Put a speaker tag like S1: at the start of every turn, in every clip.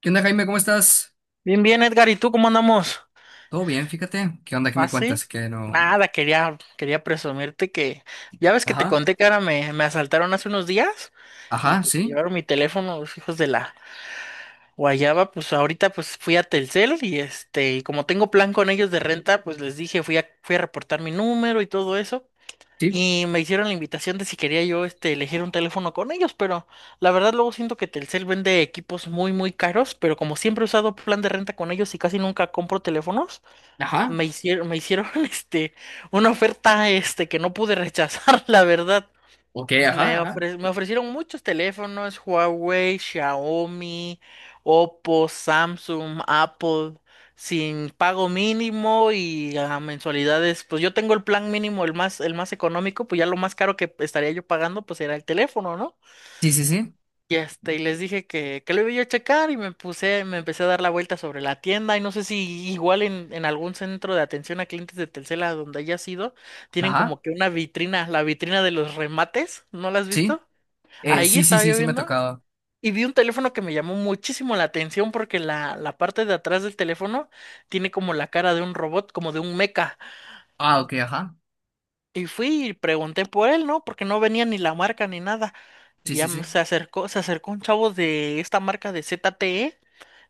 S1: ¿Qué onda, Jaime? ¿Cómo estás?
S2: Bien, bien, Edgar, ¿y tú cómo andamos?
S1: Todo bien, fíjate. ¿Qué onda? ¿Qué me
S2: ¿Así?
S1: cuentas? Que no.
S2: Nada, quería presumirte que, ya ves que te
S1: Ajá,
S2: conté que ahora me asaltaron hace unos días y
S1: ajá,
S2: pues se
S1: sí,
S2: llevaron mi teléfono los hijos de la guayaba, pues ahorita pues fui a Telcel y como tengo plan con ellos de renta, pues les dije, fui a reportar mi número y todo eso
S1: sí,
S2: y me hicieron la invitación de si quería yo elegir un teléfono con ellos, pero la verdad luego siento que Telcel vende equipos muy, muy caros, pero como siempre he usado plan de renta con ellos y casi nunca compro teléfonos.
S1: ajá,
S2: Me hicieron una oferta que no pude rechazar, la verdad.
S1: ok, ajá,
S2: Me
S1: ajá.
S2: ofre- me ofrecieron muchos teléfonos, Huawei, Xiaomi, Oppo, Samsung, Apple, sin pago mínimo y a mensualidades. Pues yo tengo el plan mínimo, el más económico, pues ya lo más caro que estaría yo pagando, pues era el teléfono, ¿no?
S1: Sí, sí, sí,
S2: Y les dije que lo iba yo a checar y me empecé a dar la vuelta sobre la tienda y no sé si igual en algún centro de atención a clientes de Telcel a donde haya sido, tienen
S1: ajá,
S2: como que una vitrina, la vitrina de los remates, ¿no la has
S1: sí,
S2: visto? Ahí
S1: sí, sí,
S2: estaba
S1: sí,
S2: yo
S1: sí, me ha
S2: viendo
S1: tocado.
S2: y vi un teléfono que me llamó muchísimo la atención porque la parte de atrás del teléfono tiene como la cara de un robot, como de un meca.
S1: Ah, ok, ajá,
S2: Y fui y pregunté por él, ¿no? Porque no venía ni la marca ni nada.
S1: sí,
S2: Y ya
S1: sí, sí,
S2: se acercó un chavo de esta marca de ZTE.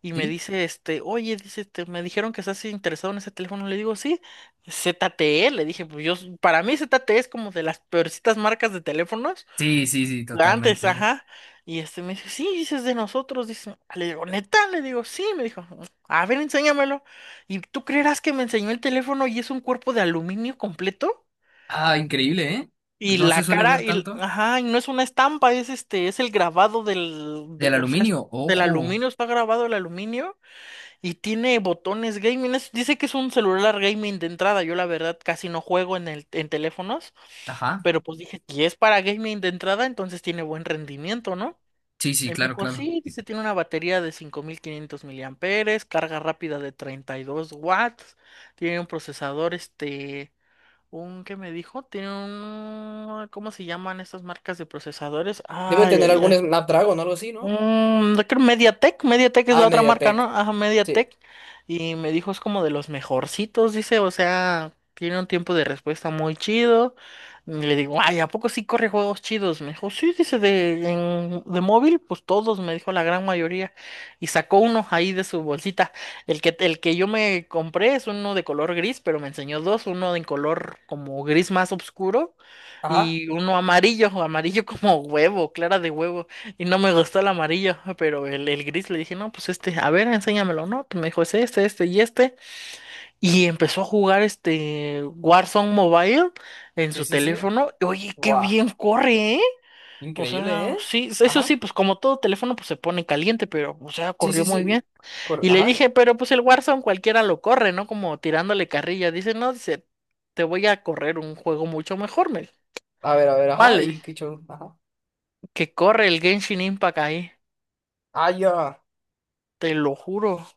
S2: Y me
S1: sí,
S2: dice, oye, dice, me dijeron que estás interesado en ese teléfono. Le digo, sí, ZTE. Le dije, pues yo, para mí ZTE es como de las peorcitas marcas de teléfonos.
S1: sí, sí, sí,
S2: La antes,
S1: totalmente.
S2: ajá. Y este me dice, sí, dices de nosotros. Dice, le digo, neta, le digo, sí. Me dijo, a ver, enséñamelo. Y tú creerás que me enseñó el teléfono y es un cuerpo de aluminio completo.
S1: Ah, increíble, ¿eh?
S2: Y
S1: No se
S2: la
S1: suele
S2: cara,
S1: ver
S2: y,
S1: tanto.
S2: ajá, y no es una estampa, es el grabado del,
S1: Del
S2: de- o sea, es
S1: aluminio,
S2: del
S1: ojo,
S2: aluminio, está grabado el aluminio. Y tiene botones gaming. Dice que es un celular gaming de entrada. Yo la verdad casi no juego en teléfonos.
S1: ajá,
S2: Pero pues dije, si es para gaming de entrada, entonces tiene buen rendimiento, ¿no?
S1: sí,
S2: Y
S1: sí,
S2: me
S1: claro,
S2: dijo,
S1: claro.
S2: sí, dice, tiene una batería de 5500 miliamperes, carga rápida de 32 watts, tiene un procesador, un, ¿qué me dijo? Tiene un, ¿cómo se llaman estas marcas de procesadores?
S1: Debe
S2: Ay,
S1: tener
S2: ay,
S1: algún
S2: ay.
S1: Snapdragon o algo así, ¿no?
S2: Yo creo Mediatek, Mediatek es
S1: Ah,
S2: la otra marca, ¿no?
S1: Mediatek.
S2: Ajá,
S1: Sí.
S2: Mediatek. Y me dijo es como de los mejorcitos, dice, o sea, tiene un tiempo de respuesta muy chido. Y le digo, ay, ¿a poco sí corre juegos chidos? Me dijo, sí, dice, de móvil, pues todos, me dijo la gran mayoría. Y sacó uno ahí de su bolsita. El que yo me compré es uno de color gris, pero me enseñó dos, uno de color como gris más oscuro
S1: Ajá.
S2: y uno amarillo, amarillo como huevo, clara de huevo. Y no me gustó el amarillo, pero el gris le dije, no, pues a ver, enséñamelo, ¿no? Pues me dijo, es este, este y este. Y empezó a jugar este Warzone Mobile en
S1: Sí,
S2: su
S1: sí, sí.
S2: teléfono. Y, oye, qué
S1: Guau.
S2: bien corre, ¿eh? O
S1: Increíble,
S2: sea,
S1: ¿eh?
S2: sí, eso
S1: Ajá.
S2: sí, pues como todo teléfono, pues se pone caliente, pero, o sea,
S1: Sí,
S2: corrió
S1: sí,
S2: muy bien.
S1: sí.
S2: Y le
S1: Ajá.
S2: dije, pero pues el Warzone cualquiera lo corre, ¿no? Como tirándole carrilla. Dice, no, dice, te voy a correr un juego mucho mejor, me dijo.
S1: A ver, ajá.
S2: Vale,
S1: Y qué Kichou, ajá.
S2: que corre el Genshin Impact ahí,
S1: Ah, ya.
S2: te lo juro.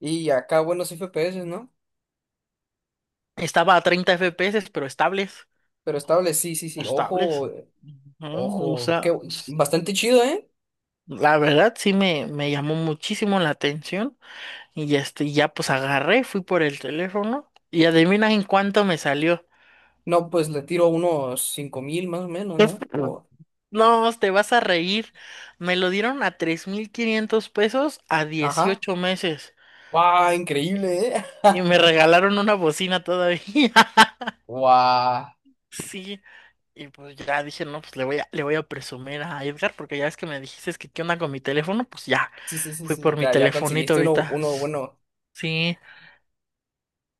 S1: Y acá buenos FPS, ¿no?
S2: Estaba a 30 FPS, pero estables,
S1: Pero estable, sí, sí, sí.
S2: estables.
S1: Ojo,
S2: Ujú. O
S1: ojo.
S2: sea,
S1: Bastante chido, ¿eh?
S2: la verdad sí me llamó muchísimo la atención y ya, ya pues agarré, fui por el teléfono y adivina en cuánto me salió.
S1: No, pues le tiro unos 5.000 más o menos, ¿no?
S2: No, te vas a reír. Me lo dieron a 3500 pesos a
S1: Ajá.
S2: 18 meses
S1: ¡Wow! Increíble, ¿eh?
S2: y me regalaron una bocina todavía.
S1: ¡Wow!
S2: Sí. Y pues ya dije, no, pues le voy a presumir a Edgar, porque ya ves que me dijiste que qué onda con mi teléfono, pues ya,
S1: Sí, sí, sí,
S2: fui
S1: sí.
S2: por mi
S1: Ya, ya
S2: telefonito
S1: conseguiste uno,
S2: ahorita.
S1: uno bueno.
S2: Sí,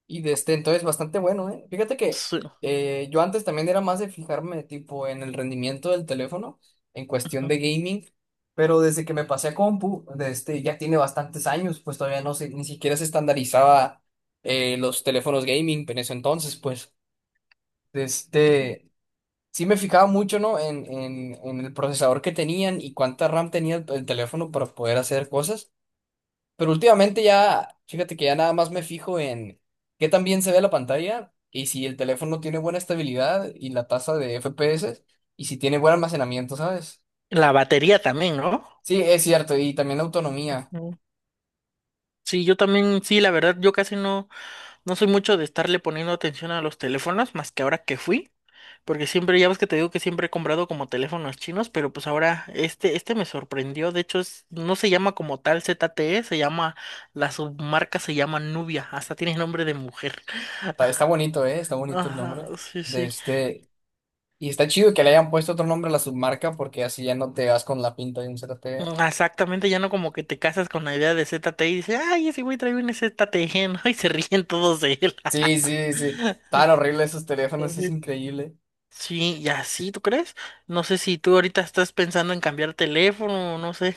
S1: Y de este, entonces bastante bueno, ¿eh? Fíjate que
S2: sí,
S1: yo antes también era más de fijarme tipo en el rendimiento del teléfono en cuestión
S2: ujú.
S1: de gaming, pero desde que me pasé a compu, de este, ya tiene bastantes años, pues todavía no se, ni siquiera se estandarizaba los teléfonos gaming en ese entonces, pues de este, sí me fijaba mucho, ¿no? En el procesador que tenían y cuánta RAM tenía el teléfono para poder hacer cosas. Pero últimamente ya, fíjate que ya nada más me fijo en qué tan bien se ve la pantalla y si el teléfono tiene buena estabilidad y la tasa de FPS y si tiene buen almacenamiento, ¿sabes?
S2: La batería también, ¿no?
S1: Sí, es cierto, y también la autonomía.
S2: Ujú. Sí, yo también, sí, la verdad, yo casi no, no soy mucho de estarle poniendo atención a los teléfonos, más que ahora que fui. Porque siempre, ya ves que te digo que siempre he comprado como teléfonos chinos, pero pues ahora este me sorprendió. De hecho, no se llama como tal ZTE, la submarca se llama Nubia, hasta tiene nombre de mujer.
S1: Está, está bonito, ¿eh? Está bonito el
S2: Ajá,
S1: nombre
S2: sí,
S1: de
S2: sí.
S1: este. Y está chido que le hayan puesto otro nombre a la submarca porque así ya no te vas con la pinta de un ZTE.
S2: Exactamente, ya no como que te casas con la idea de ZTE y dices, ay, ese güey trae un ZTE, ¿no? Y se ríen todos de él.
S1: Sí, sí, sí. Tan horrible esos teléfonos, es
S2: Ujú.
S1: increíble.
S2: Sí, y así, ¿tú crees? No sé si tú ahorita estás pensando en cambiar teléfono, no sé.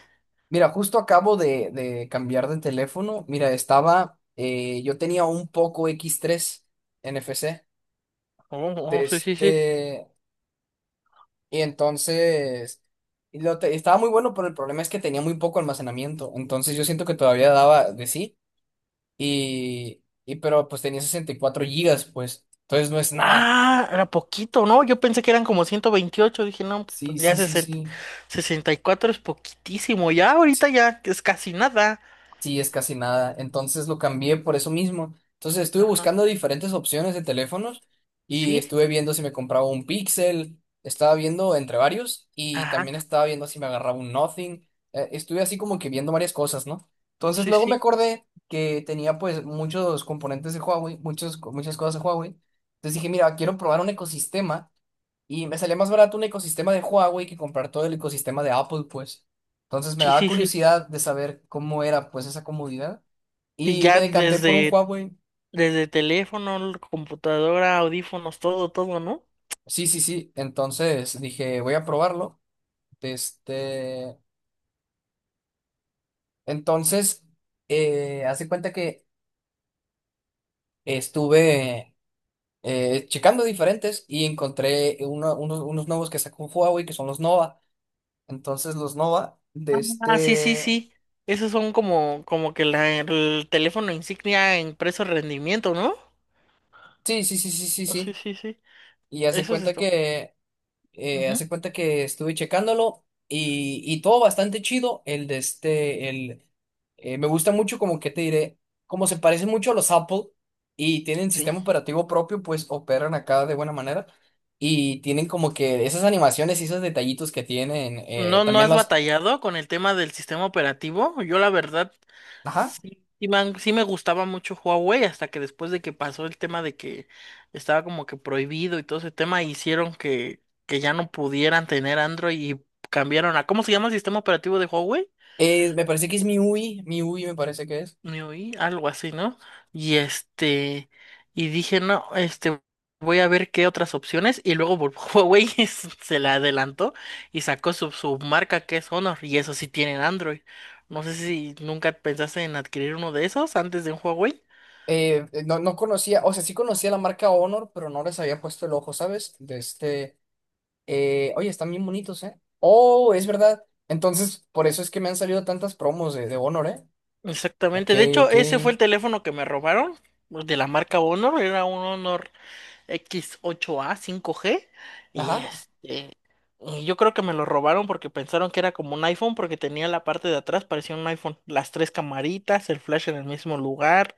S1: Mira, justo acabo de cambiar de teléfono. Mira, estaba, yo tenía un Poco X3 NFC
S2: Oh, oh,
S1: de
S2: sí, sí, sí.
S1: este, y entonces y estaba muy bueno, pero el problema es que tenía muy poco almacenamiento. Entonces yo siento que todavía daba de sí, y pero pues tenía 64 gigas, pues, entonces no es nada.
S2: Ah, era poquito, ¿no? Yo pensé que eran como 128, dije, no,
S1: Sí,
S2: pues ya
S1: sí, sí,
S2: 60,
S1: sí.
S2: 64 es poquitísimo, ya ahorita ya es casi nada.
S1: Sí, es casi nada. Entonces lo cambié por eso mismo. Entonces estuve
S2: Ajá,
S1: buscando diferentes opciones de teléfonos y
S2: sí,
S1: estuve viendo si me compraba un Pixel, estaba viendo entre varios y
S2: ajá,
S1: también estaba viendo si me agarraba un Nothing. Estuve así como que viendo varias cosas, ¿no? Entonces
S2: sí,
S1: luego me
S2: sí,
S1: acordé que tenía pues muchos componentes de Huawei, muchos, muchas cosas de Huawei. Entonces dije, mira, quiero probar un ecosistema y me salía más barato un ecosistema de Huawei que comprar todo el ecosistema de Apple, pues. Entonces me
S2: sí,
S1: daba
S2: sí, sí.
S1: curiosidad de saber cómo era, pues, esa comodidad.
S2: Y
S1: Y me
S2: ya
S1: decanté por un
S2: desde,
S1: Huawei.
S2: desde teléfono, computadora, audífonos, todo, todo, ¿no?
S1: Sí, sí, sí. Entonces dije, voy a probarlo. Este... Entonces, hace cuenta que estuve checando diferentes y encontré unos nuevos que sacó Huawei, que son los Nova. Entonces los Nova de
S2: Ah, sí, sí,
S1: este...
S2: sí. Esos son como que el teléfono insignia en precio rendimiento, ¿no?
S1: Sí, sí, sí, sí, sí,
S2: Ah, sí,
S1: sí.
S2: sí, sí.
S1: Y hace
S2: Eso es
S1: cuenta
S2: esto.
S1: que... eh,
S2: Ujú.
S1: hace cuenta que estuve checándolo y todo bastante chido. El de este, el, me gusta mucho como que te diré, como se parecen mucho a los Apple y tienen
S2: Sí.
S1: sistema operativo propio, pues operan acá de buena manera y tienen como que esas animaciones y esos detallitos que tienen,
S2: ¿No, no
S1: también
S2: has
S1: los,
S2: batallado con el tema del sistema operativo? Yo la verdad
S1: ajá,
S2: sí me gustaba mucho Huawei hasta que después de que pasó el tema de que estaba como que prohibido y todo ese tema hicieron que ya no pudieran tener Android y cambiaron a. ¿Cómo se llama el sistema operativo de Huawei?
S1: Me parece que es MIUI, MIUI me parece que es.
S2: Me oí, algo así, ¿no? Y este, y dije, no, voy a ver qué otras opciones. Y luego Huawei se la adelantó y sacó su marca que es Honor, y eso sí tienen Android. No sé si nunca pensaste en adquirir uno de esos antes de un Huawei.
S1: No, no conocía, o sea, sí conocía la marca Honor, pero no les había puesto el ojo, ¿sabes? De este... Oye, están bien bonitos, ¿eh? Oh, es verdad. Entonces, por eso es que me han salido tantas promos de Honor, ¿eh? Ok,
S2: Exactamente, de hecho,
S1: ok.
S2: ese fue el teléfono que me robaron de la marca Honor, era un Honor X8A 5G. Y
S1: Ajá.
S2: este. Y yo creo que me lo robaron porque pensaron que era como un iPhone, porque tenía la parte de atrás, parecía un iPhone. Las tres camaritas, el flash en el mismo lugar,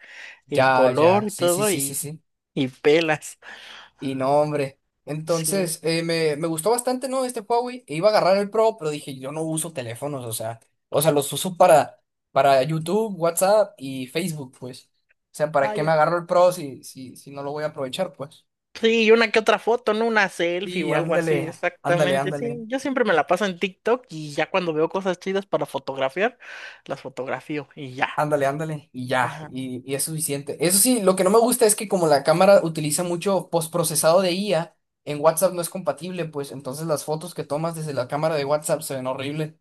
S2: el
S1: Ya,
S2: color
S1: ya.
S2: y
S1: Sí, sí,
S2: todo,
S1: sí, sí,
S2: y,
S1: sí.
S2: y pelas.
S1: Y no, hombre.
S2: Sí,
S1: Entonces, me gustó bastante, ¿no? Este Huawei. E iba a agarrar el Pro, pero dije, yo no uso teléfonos, o sea, los uso para YouTube, WhatsApp y Facebook, pues. O sea, ¿para
S2: ah,
S1: qué me
S2: ya.
S1: agarro el Pro si no lo voy a aprovechar, pues?
S2: Sí, y una que otra foto, ¿no? Una selfie
S1: Sí,
S2: o algo así,
S1: ándale, ándale,
S2: exactamente. Sí,
S1: ándale.
S2: yo siempre me la paso en TikTok y ya cuando veo cosas chidas para fotografiar, las fotografío y ya.
S1: Ándale, ándale, y ya,
S2: Ajá.
S1: y es suficiente. Eso sí, lo que no me gusta es que como la cámara utiliza mucho postprocesado de IA, en WhatsApp no es compatible, pues entonces las fotos que tomas desde la cámara de WhatsApp se ven horribles.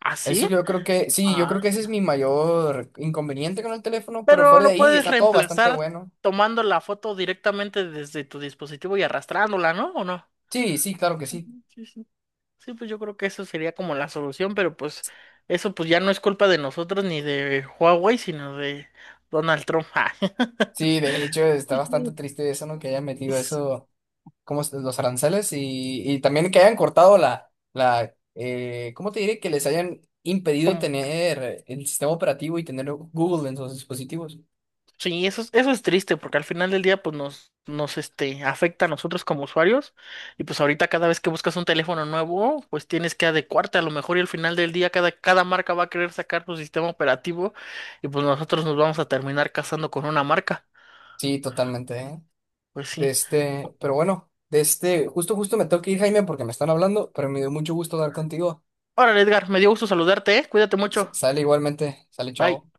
S2: ¿Ah,
S1: Eso
S2: sí?
S1: yo creo que, sí, yo
S2: Ah.
S1: creo que ese es mi mayor inconveniente con el teléfono, pero
S2: Pero
S1: fuera de
S2: lo
S1: ahí
S2: puedes
S1: está todo bastante
S2: reemplazar
S1: bueno.
S2: tomando la foto directamente desde tu dispositivo y arrastrándola, ¿no? ¿O no?
S1: Sí, sí, claro que sí.
S2: Ujú. Sí, sí. Sí, pues yo creo que eso sería como la solución, pero pues eso pues ya no es culpa de nosotros ni de Huawei, sino de Donald Trump.
S1: Sí, de hecho está
S2: Ah,
S1: bastante triste eso, ¿no? Que haya metido
S2: es
S1: eso como los aranceles y también que hayan cortado la ¿cómo te diré? Que les hayan impedido
S2: como-
S1: tener el sistema operativo y tener Google en sus dispositivos.
S2: sí, eso es triste porque al final del día pues nos afecta a nosotros como usuarios y pues ahorita cada vez que buscas un teléfono nuevo pues tienes que adecuarte a lo mejor y al final del día cada marca va a querer sacar su sistema operativo y pues nosotros nos vamos a terminar casando con una marca.
S1: Sí, totalmente, ¿eh?
S2: Pues
S1: De
S2: sí.
S1: este, pero bueno, de este, justo, justo me tengo que ir, Jaime, porque me están hablando, pero me dio mucho gusto hablar contigo.
S2: Ahora, Edgar, me dio gusto saludarte, ¿eh? Cuídate
S1: S-
S2: mucho.
S1: sale igualmente, sale,
S2: Bye.
S1: chao.